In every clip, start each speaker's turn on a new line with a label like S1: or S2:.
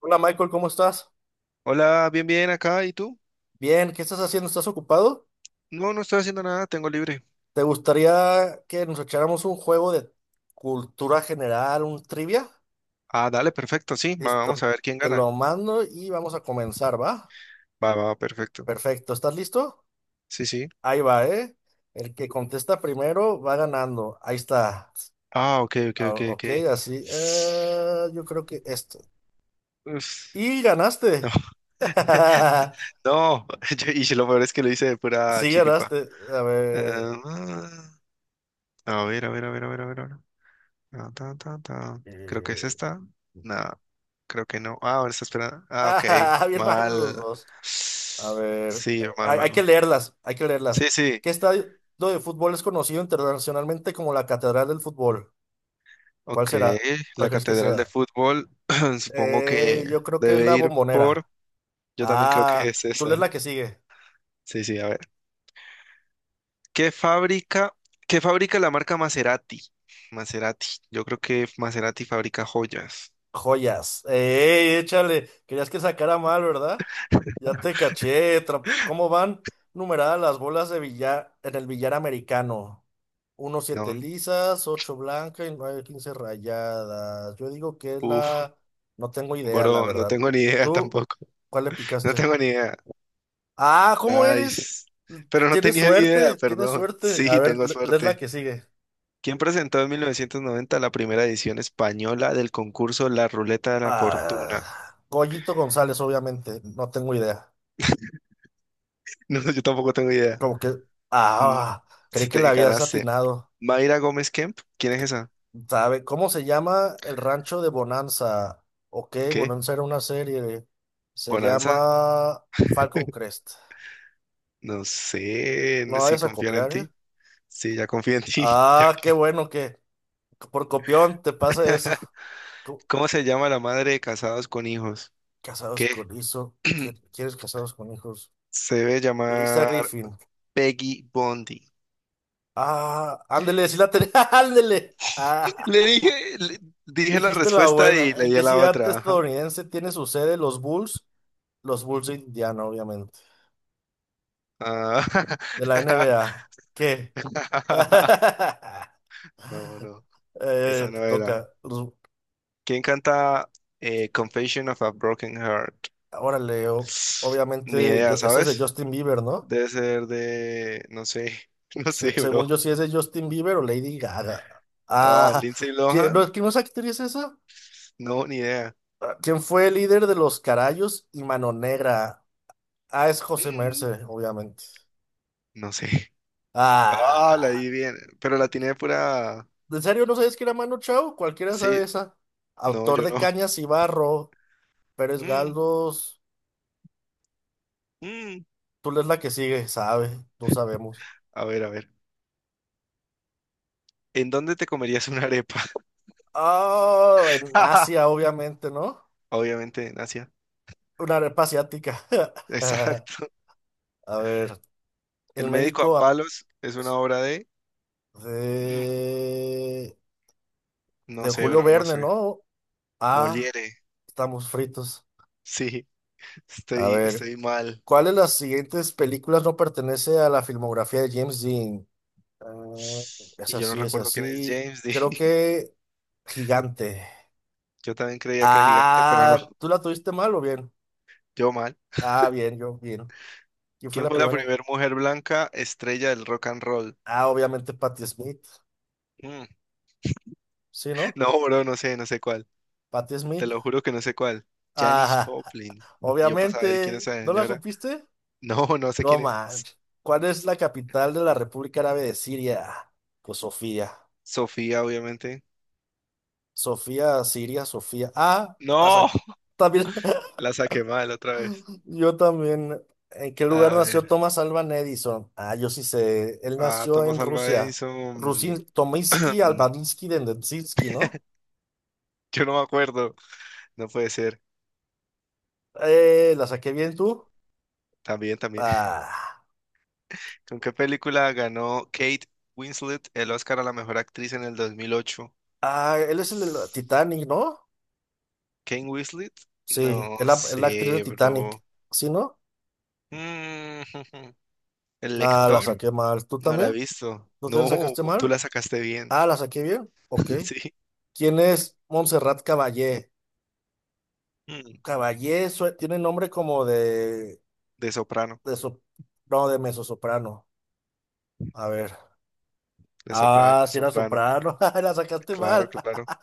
S1: Hola Michael, ¿cómo estás?
S2: Hola, bien, bien acá. ¿Y tú?
S1: Bien, ¿qué estás haciendo? ¿Estás ocupado?
S2: No, no estoy haciendo nada, tengo libre.
S1: ¿Te gustaría que nos echáramos un juego de cultura general, un trivia?
S2: Ah, dale, perfecto, sí. Vamos a
S1: Listo,
S2: ver quién
S1: te
S2: gana.
S1: lo mando y vamos a comenzar, ¿va?
S2: Va, va, perfecto.
S1: Perfecto, ¿estás listo?
S2: Sí, sí.
S1: Ahí va, ¿eh? El que contesta primero va ganando. Ahí está.
S2: Ah, ok, ok,
S1: Ah,
S2: ok, ok.
S1: ok, así. Yo creo que esto.
S2: Uf,
S1: Y
S2: no,
S1: ganaste.
S2: no. Y lo peor es que lo hice de pura
S1: Sí,
S2: chiripa.
S1: ganaste. A ver.
S2: Ah, a ver, a ver, a ver, a ver, a ver, a ver. Ah, ta, ta, ta. Creo que es
S1: eh,
S2: esta. No, creo que no. Ah, ahora está esperando. Ah, ok.
S1: Ah, bien mal los
S2: Mal.
S1: dos. A ver,
S2: Sí, mal,
S1: hay,
S2: mal,
S1: hay que
S2: mal.
S1: leerlas, hay que leerlas.
S2: Sí, sí.
S1: ¿Qué estadio de fútbol es conocido internacionalmente como la Catedral del Fútbol? ¿Cuál
S2: Ok,
S1: será? ¿Cuál
S2: la
S1: crees que
S2: Catedral de
S1: sea?
S2: Fútbol, supongo que
S1: Yo creo que es
S2: debe
S1: la
S2: ir por,
S1: Bombonera.
S2: yo también creo que
S1: Ah,
S2: es
S1: tú lees
S2: esa.
S1: la que sigue.
S2: Sí, sí, a ver. ¿Qué fábrica, ¿Qué fabrica la marca Maserati? Maserati, yo creo que Maserati fabrica joyas.
S1: Joyas. ¡Ey, échale! Querías que sacara mal, ¿verdad? Ya te caché. ¿Cómo van numeradas las bolas de billar en el billar americano? Uno, siete
S2: No,
S1: lisas, ocho blancas y nueve, quince rayadas. Yo digo que es
S2: uff,
S1: la... No tengo idea, la
S2: bro, no
S1: verdad.
S2: tengo ni idea
S1: ¿Tú
S2: tampoco.
S1: cuál le
S2: No
S1: picaste?
S2: tengo ni idea.
S1: Ah, ¿cómo eres?
S2: Nice. Pero no
S1: Tienes
S2: tenía ni idea,
S1: suerte, tienes
S2: perdón.
S1: suerte. A
S2: Sí,
S1: ver,
S2: tengo
S1: lees la
S2: suerte.
S1: que sigue.
S2: ¿Quién presentó en 1990 la primera edición española del concurso La Ruleta de la Fortuna?
S1: Ah, Goyito González, obviamente. No tengo idea.
S2: No, yo tampoco tengo idea.
S1: Como que,
S2: Mm,
S1: ah, creí
S2: si
S1: que la
S2: te
S1: habías
S2: ganaste.
S1: atinado.
S2: Mayra Gómez Kemp, ¿quién es
S1: Que-
S2: esa?
S1: ¿Sabe cómo se llama el rancho de Bonanza? Ok,
S2: ¿Qué?
S1: Bonanza era una serie. Se
S2: ¿Bonanza?
S1: llama Falcon Crest.
S2: No sé,
S1: No
S2: sé si
S1: vayas a
S2: confían en
S1: copiar, ¿eh?
S2: ti. Sí, ya confío en ti.
S1: Ah,
S2: Ya.
S1: qué bueno que por copión te pasa eso. Co-
S2: ¿Cómo se llama la madre de casados con hijos?
S1: Casados
S2: ¿Qué?
S1: con hijos. ¿Quieres casados con hijos?
S2: Se debe
S1: Lisa
S2: llamar
S1: Griffin.
S2: Peggy Bondi.
S1: Ah, ándele, sí la tenía. Ándele.
S2: Le
S1: Ah,
S2: dije, le- dije la
S1: dijiste la
S2: respuesta
S1: buena.
S2: y le
S1: ¿En
S2: di a
S1: qué
S2: la
S1: ciudad
S2: otra. Ajá.
S1: estadounidense tiene su sede los Bulls? Los Bulls de Indiana, obviamente.
S2: Ah,
S1: De la NBA. ¿Qué?
S2: no, no, esa
S1: Te
S2: no era.
S1: toca.
S2: ¿Quién canta Confession of a Broken Heart?
S1: Ahora leo.
S2: Ni
S1: Obviamente,
S2: idea,
S1: yo, ese es de
S2: ¿sabes?
S1: Justin Bieber, ¿no?
S2: Debe ser de, no sé, no sé, bro.
S1: Según yo, si es de Justin Bieber o Lady Gaga.
S2: Ah,
S1: Ah,
S2: Lindsay
S1: ¿quién,
S2: Lohan,
S1: no, ¿quién es actriz esa?
S2: no, ni idea.
S1: Ah, ¿quién fue el líder de los Carayos y Mano Negra? Ah, es José
S2: Mm,
S1: Merced, obviamente.
S2: no sé. Ah, la di
S1: Ah,
S2: bien, pero la tiene pura.
S1: ¿en serio no sabes que era Mano Chao? Cualquiera sabe
S2: Sí,
S1: esa.
S2: no,
S1: Autor
S2: yo
S1: de
S2: no.
S1: Cañas y Barro. Pérez
S2: Mm,
S1: Galdós,
S2: mm.
S1: tú lees la que sigue, sabe, no sabemos.
S2: A ver, a ver. ¿En dónde te comerías una arepa?
S1: Ah, en Asia, obviamente, ¿no?
S2: Obviamente en Asia.
S1: Una arepa asiática.
S2: Exacto.
S1: A ver, el
S2: El médico a
S1: médico ap-
S2: palos es una obra de. Mm,
S1: de,
S2: no
S1: de
S2: sé,
S1: Julio
S2: bro, no
S1: Verne,
S2: sé.
S1: ¿no? Ah,
S2: Moliere.
S1: estamos fritos.
S2: Sí,
S1: A ver,
S2: estoy mal.
S1: ¿cuál de las siguientes películas no pertenece a la filmografía de James Dean? Ah, es
S2: Y yo no
S1: así, es
S2: recuerdo quién es
S1: así.
S2: James
S1: Creo
S2: Dean.
S1: que Gigante.
S2: Yo también creía que era gigante, pero no.
S1: Ah, ¿tú la tuviste mal o bien?
S2: Yo mal.
S1: Ah, bien, yo, bien. ¿Quién fue
S2: ¿Quién
S1: la
S2: fue la
S1: primera?
S2: primera mujer blanca estrella del rock and roll?
S1: Ah, obviamente Patti Smith.
S2: Mm.
S1: ¿Sí, no?
S2: No, bro, no sé, no sé cuál.
S1: Patti
S2: Te
S1: Smith.
S2: lo juro que no sé cuál. Janis
S1: Ah,
S2: Joplin. Y yo para saber quién
S1: obviamente.
S2: es esa
S1: ¿No la
S2: señora.
S1: supiste?
S2: No, no sé
S1: No
S2: quién es.
S1: manches. ¿Cuál es la capital de la República Árabe de Siria? Pues Sofía.
S2: Sofía, obviamente.
S1: Sofía, Siria, Sofía. Ah,
S2: No,
S1: también,
S2: la saqué mal otra vez.
S1: yo también. ¿En qué lugar
S2: A
S1: nació
S2: ver.
S1: Thomas Alban Edison? Ah, yo sí sé. Él
S2: Ah,
S1: nació en
S2: Thomas Alva
S1: Rusia.
S2: Edison.
S1: Rusin, Tominsky, Albaninsky, Dendensky, ¿no?
S2: Yo no me acuerdo. No puede ser.
S1: ¿La saqué bien tú?
S2: También, también.
S1: Ah,
S2: ¿Con qué película ganó Kate Winslet el Oscar a la mejor actriz en el 2008?
S1: ah, él es el de la Titanic, ¿no?
S2: Kane Winslet,
S1: Sí,
S2: no
S1: es la actriz de
S2: sé, bro.
S1: Titanic. ¿Sí, no?
S2: Mm, ¿El
S1: Ah, la
S2: lector?
S1: saqué mal. ¿Tú
S2: No la he
S1: también?
S2: visto.
S1: ¿No te la
S2: No,
S1: sacaste
S2: pues tú
S1: mal?
S2: la sacaste bien.
S1: Ah, la saqué bien. Ok.
S2: Sí.
S1: ¿Quién es Montserrat Caballé?
S2: Mm,
S1: Tiene nombre como de,
S2: de soprano,
S1: de so- no, de mezzosoprano. A ver.
S2: de soprano,
S1: Ah,
S2: de
S1: sí era
S2: soprano.
S1: soprano. La sacaste
S2: Claro,
S1: mal.
S2: claro.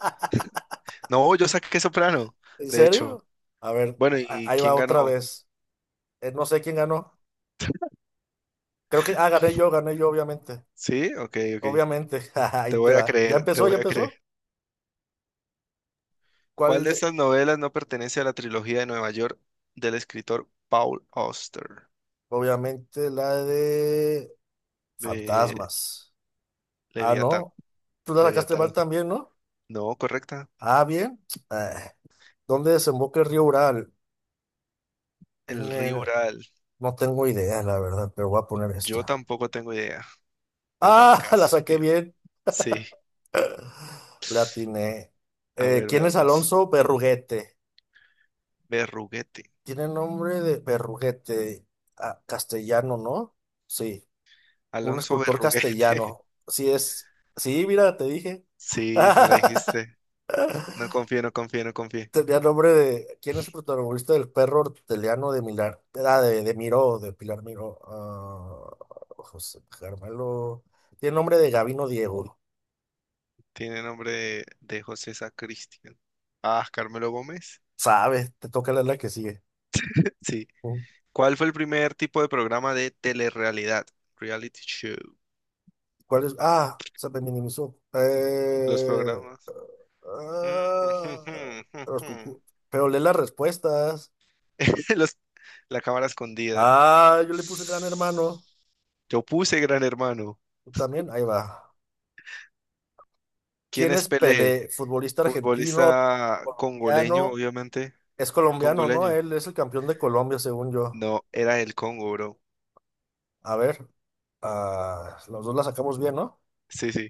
S2: No, yo saqué soprano,
S1: ¿En
S2: de hecho.
S1: serio? A ver,
S2: Bueno, ¿y
S1: ahí
S2: quién
S1: va
S2: ganó?
S1: otra vez. No sé quién ganó. Creo que, ah, gané yo, obviamente.
S2: Sí, ok, ok.
S1: Obviamente, ahí
S2: Te
S1: te
S2: voy a
S1: va. ¿Ya
S2: creer, te
S1: empezó? ¿Ya
S2: voy a creer.
S1: empezó?
S2: ¿Cuál
S1: ¿Cuál
S2: de
S1: de-
S2: estas novelas no pertenece a la trilogía de Nueva York del escritor Paul Auster
S1: Obviamente la de
S2: de
S1: fantasmas. Ah,
S2: Leviatán?
S1: no. Tú la sacaste mal
S2: Leviatán.
S1: también, ¿no?
S2: No, correcta.
S1: Ah, bien. Ah, ¿dónde desemboca el río Ural?
S2: El
S1: En
S2: río
S1: el-
S2: Ural.
S1: No tengo idea, la verdad, pero voy a poner
S2: Yo
S1: esta.
S2: tampoco tengo idea. El mar.
S1: Ah, la saqué bien.
S2: Sí,
S1: La atiné.
S2: a ver,
S1: ¿Quién es
S2: veamos.
S1: Alonso Berruguete?
S2: Berruguete.
S1: Tiene nombre de Berruguete. Ah, castellano, ¿no? Sí. Un
S2: Alonso
S1: escultor
S2: Berruguete.
S1: castellano. Sí es. Sí, mira, te dije.
S2: Sí, me la dijiste. No confío, no confío, no confío.
S1: Tenía nombre de. ¿Quién es el protagonista del perro horteliano de Milar? Ah, de Miró, de Pilar Miró. Ah, José Carmelo. Tiene nombre de Gabino Diego.
S2: Tiene nombre de José Sacristián. Ah, Carmelo Gómez.
S1: Sabes, te toca leer la que sigue.
S2: Sí.
S1: Mm.
S2: ¿Cuál fue el primer tipo de programa de telerrealidad? Reality show.
S1: ¿Cuál es? Ah, se me minimizó.
S2: Los programas. Mm, jum,
S1: Ah,
S2: jum, jum,
S1: los
S2: jum.
S1: cucú- pero lee las respuestas.
S2: Los, la cámara escondida.
S1: Ah, yo le puse gran hermano.
S2: Yo puse Gran Hermano.
S1: Tú también, ahí va.
S2: ¿Quién
S1: ¿Quién
S2: es
S1: es
S2: Pelé?
S1: Pelé? Futbolista argentino,
S2: Futbolista congoleño,
S1: colombiano.
S2: obviamente.
S1: Es colombiano, ¿no?
S2: Congoleño.
S1: Él es el campeón de Colombia, según yo.
S2: No, era del Congo, bro.
S1: A ver, ah, los dos la sacamos bien, ¿no?
S2: Sí, sí.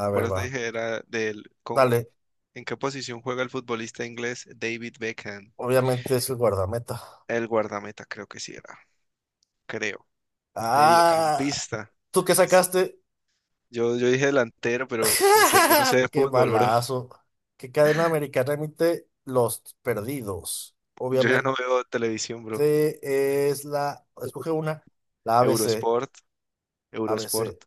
S1: A
S2: Por
S1: ver,
S2: eso
S1: va.
S2: te dije, era del Congo.
S1: Dale,
S2: ¿En qué posición juega el futbolista inglés David Beckham?
S1: obviamente es el guardameta.
S2: El guardameta, creo que sí era. Creo.
S1: Ah,
S2: Mediocampista.
S1: ¿tú qué
S2: S-
S1: sacaste?
S2: Yo, dije delantero, pero no sé, yo no sé de
S1: ¡Qué
S2: fútbol, bro.
S1: balazo! ¿Qué cadena americana emite Los Perdidos?
S2: Yo ya
S1: Obviamente
S2: no veo televisión, bro.
S1: es la... Escoge una. La ABC.
S2: Eurosport,
S1: ABC.
S2: Eurosport,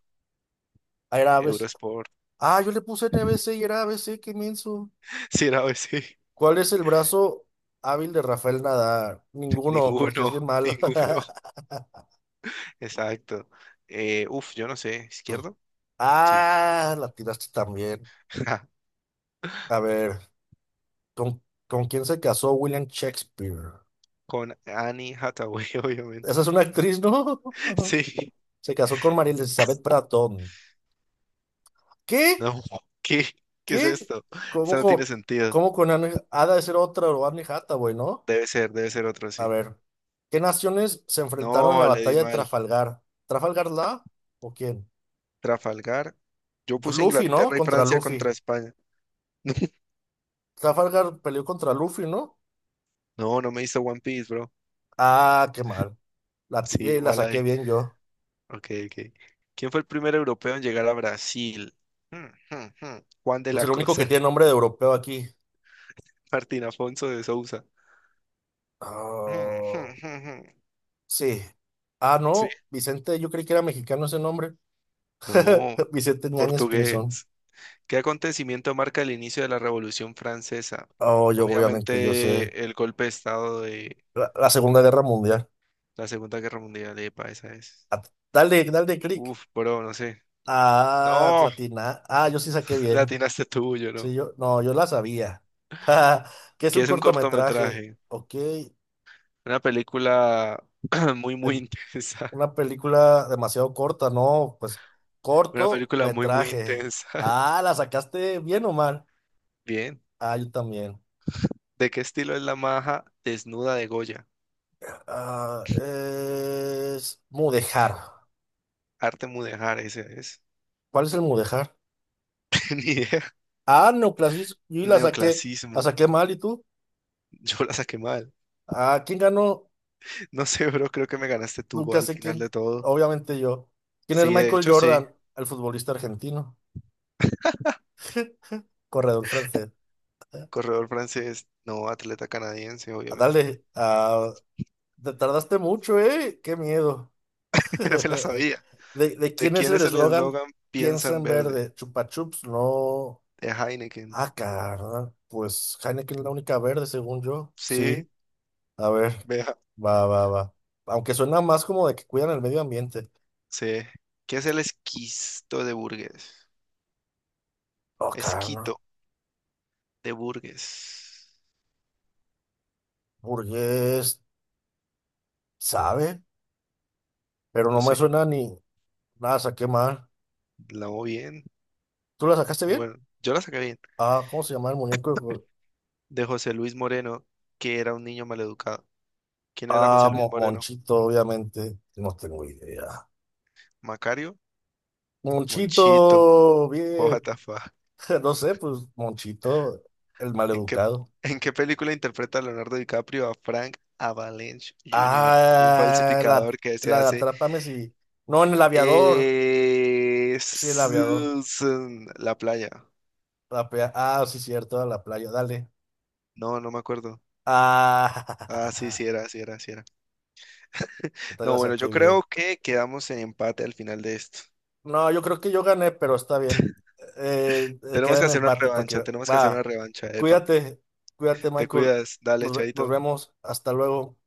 S1: Air Aves.
S2: Eurosport.
S1: Ah, yo le puse N B C y era A B C, qué menso.
S2: Sí, no, sí.
S1: ¿Cuál es el brazo hábil de Rafael Nadal? Ninguno, porque es
S2: Ninguno,
S1: bien malo.
S2: ninguno. Exacto. Uf, yo no sé, ¿izquierdo? Sí.
S1: Ah, la tiraste también. A ver, ¿con quién se casó William Shakespeare?
S2: Con Annie Hathaway, obviamente.
S1: Esa es una actriz, ¿no?
S2: Sí.
S1: Se casó con María Elizabeth Bratton. ¿Qué?
S2: No, ¿qué? ¿Qué es
S1: ¿Qué?
S2: esto?
S1: ¿Cómo
S2: Eso no tiene
S1: con,
S2: sentido.
S1: cómo con Anne, ha de ser otra o Anne Hathaway, ¿no?
S2: Debe ser otro
S1: A
S2: así.
S1: ver, ¿qué naciones se enfrentaron en la
S2: No, le di
S1: batalla de
S2: mal.
S1: Trafalgar? ¿Trafalgar la? ¿O quién?
S2: Trafalgar. Yo puse
S1: Luffy, ¿no?
S2: Inglaterra y
S1: Contra
S2: Francia contra
S1: Luffy.
S2: España.
S1: Trafalgar peleó contra Luffy, ¿no?
S2: No, no me hizo One Piece, bro.
S1: Ah, qué mal.
S2: Sí,
S1: La
S2: mal
S1: saqué
S2: ahí.
S1: bien yo.
S2: Ok, ok. ¿Quién fue el primer europeo en llegar a Brasil? Hmm, hmm, hmm. Juan de
S1: Pues
S2: la
S1: el único que
S2: Cosa.
S1: tiene nombre de europeo aquí.
S2: Martín Afonso de Sousa. Hmm, hmm,
S1: Ah,
S2: hmm, hmm.
S1: sí. Ah,
S2: Sí.
S1: no. Vicente, yo creí que era mexicano ese nombre.
S2: No,
S1: Vicente Ñañez Pinzón.
S2: portugués. ¿Qué acontecimiento marca el inicio de la Revolución Francesa?
S1: Oh, yo sé.
S2: Obviamente el golpe de estado de
S1: La, la Segunda Guerra Mundial.
S2: la Segunda Guerra Mundial, epa, esa es.
S1: Ah, dale clic.
S2: Uf, bro, no sé.
S1: Ah,
S2: No,
S1: Latina. Ah, yo sí saqué
S2: la
S1: bien.
S2: atinaste tú, yo
S1: Sí,
S2: no.
S1: yo, no, yo la sabía. ¿Que es
S2: ¿Qué
S1: un
S2: es un
S1: cortometraje?
S2: cortometraje?
S1: Ok.
S2: Una película muy, muy intensa.
S1: Una película demasiado corta, no, pues
S2: Una
S1: corto
S2: película muy, muy
S1: metraje.
S2: intensa.
S1: Ah, ¿la sacaste bien o mal?
S2: Bien.
S1: Ah, yo también.
S2: ¿De qué estilo es la maja desnuda de Goya?
S1: Ah, es Mudejar.
S2: Arte mudéjar, ese es.
S1: ¿Cuál es el Mudejar?
S2: Ni idea.
S1: Ah, Neoclasis, yo la
S2: Neoclasismo.
S1: saqué mal, ¿y tú?
S2: Yo la saqué mal.
S1: Ah, ¿quién ganó?
S2: No sé, bro, creo que me ganaste tú
S1: Nunca
S2: al
S1: sé
S2: final
S1: quién,
S2: de todo.
S1: obviamente yo. ¿Quién es
S2: Sí, de
S1: Michael
S2: hecho, sí.
S1: Jordan, el futbolista argentino, corredor francés?
S2: Corredor francés, no atleta canadiense,
S1: Ah,
S2: obviamente.
S1: dale, ah, te tardaste mucho, ¿eh? Qué miedo.
S2: Ya me la sabía.
S1: ¿De
S2: ¿De
S1: quién es
S2: quién
S1: el
S2: es el
S1: eslogan?
S2: eslogan Piensa
S1: Piensa
S2: en
S1: en
S2: verde?
S1: verde. Chupa Chups, no.
S2: De Heineken.
S1: Ah, carnal. Pues Heineken es la única verde, según yo.
S2: Sí,
S1: Sí. A ver,
S2: vea.
S1: va. Aunque suena más como de que cuidan el medio ambiente.
S2: Sí. ¿Qué es el esquisto de Burgues?
S1: No, carnal.
S2: Esquito de Burgues.
S1: Burgués, sabe, pero no
S2: No
S1: me
S2: sé,
S1: suena ni nada, saqué mal.
S2: la hago bien.
S1: ¿Tú la sacaste
S2: O
S1: bien?
S2: bueno, yo la saqué bien.
S1: Ah, ¿cómo se llama el muñeco?
S2: De José Luis Moreno, que era un niño maleducado. ¿Quién era
S1: Ah,
S2: José Luis Moreno?
S1: Monchito, obviamente. No tengo idea.
S2: ¿Macario? Monchito.
S1: Monchito, bien.
S2: What the fuck?
S1: No sé, pues Monchito, el
S2: ¿En qué,
S1: maleducado.
S2: ¿En qué película interpreta Leonardo DiCaprio a Frank Avalanche Jr., un
S1: Ah,
S2: falsificador que se
S1: la de
S2: hace
S1: Atrápame si. No, en el aviador. Sí, el aviador.
S2: Susan, la playa?
S1: Ah, sí, cierto, a la playa, dale.
S2: No, no me acuerdo. Ah, sí,
S1: Ah,
S2: sí era, sí era, sí era.
S1: yo te la
S2: No, bueno,
S1: saqué
S2: yo
S1: bien.
S2: creo que quedamos en empate al final de esto.
S1: No, yo creo que yo gané, pero está bien. Queda
S2: Tenemos que
S1: en
S2: hacer una
S1: empate para
S2: revancha,
S1: que.
S2: tenemos que hacer una
S1: Va,
S2: revancha, epa.
S1: cuídate, cuídate,
S2: Te
S1: Michael.
S2: cuidas, dale,
S1: Nos
S2: chaito.
S1: vemos. Hasta luego.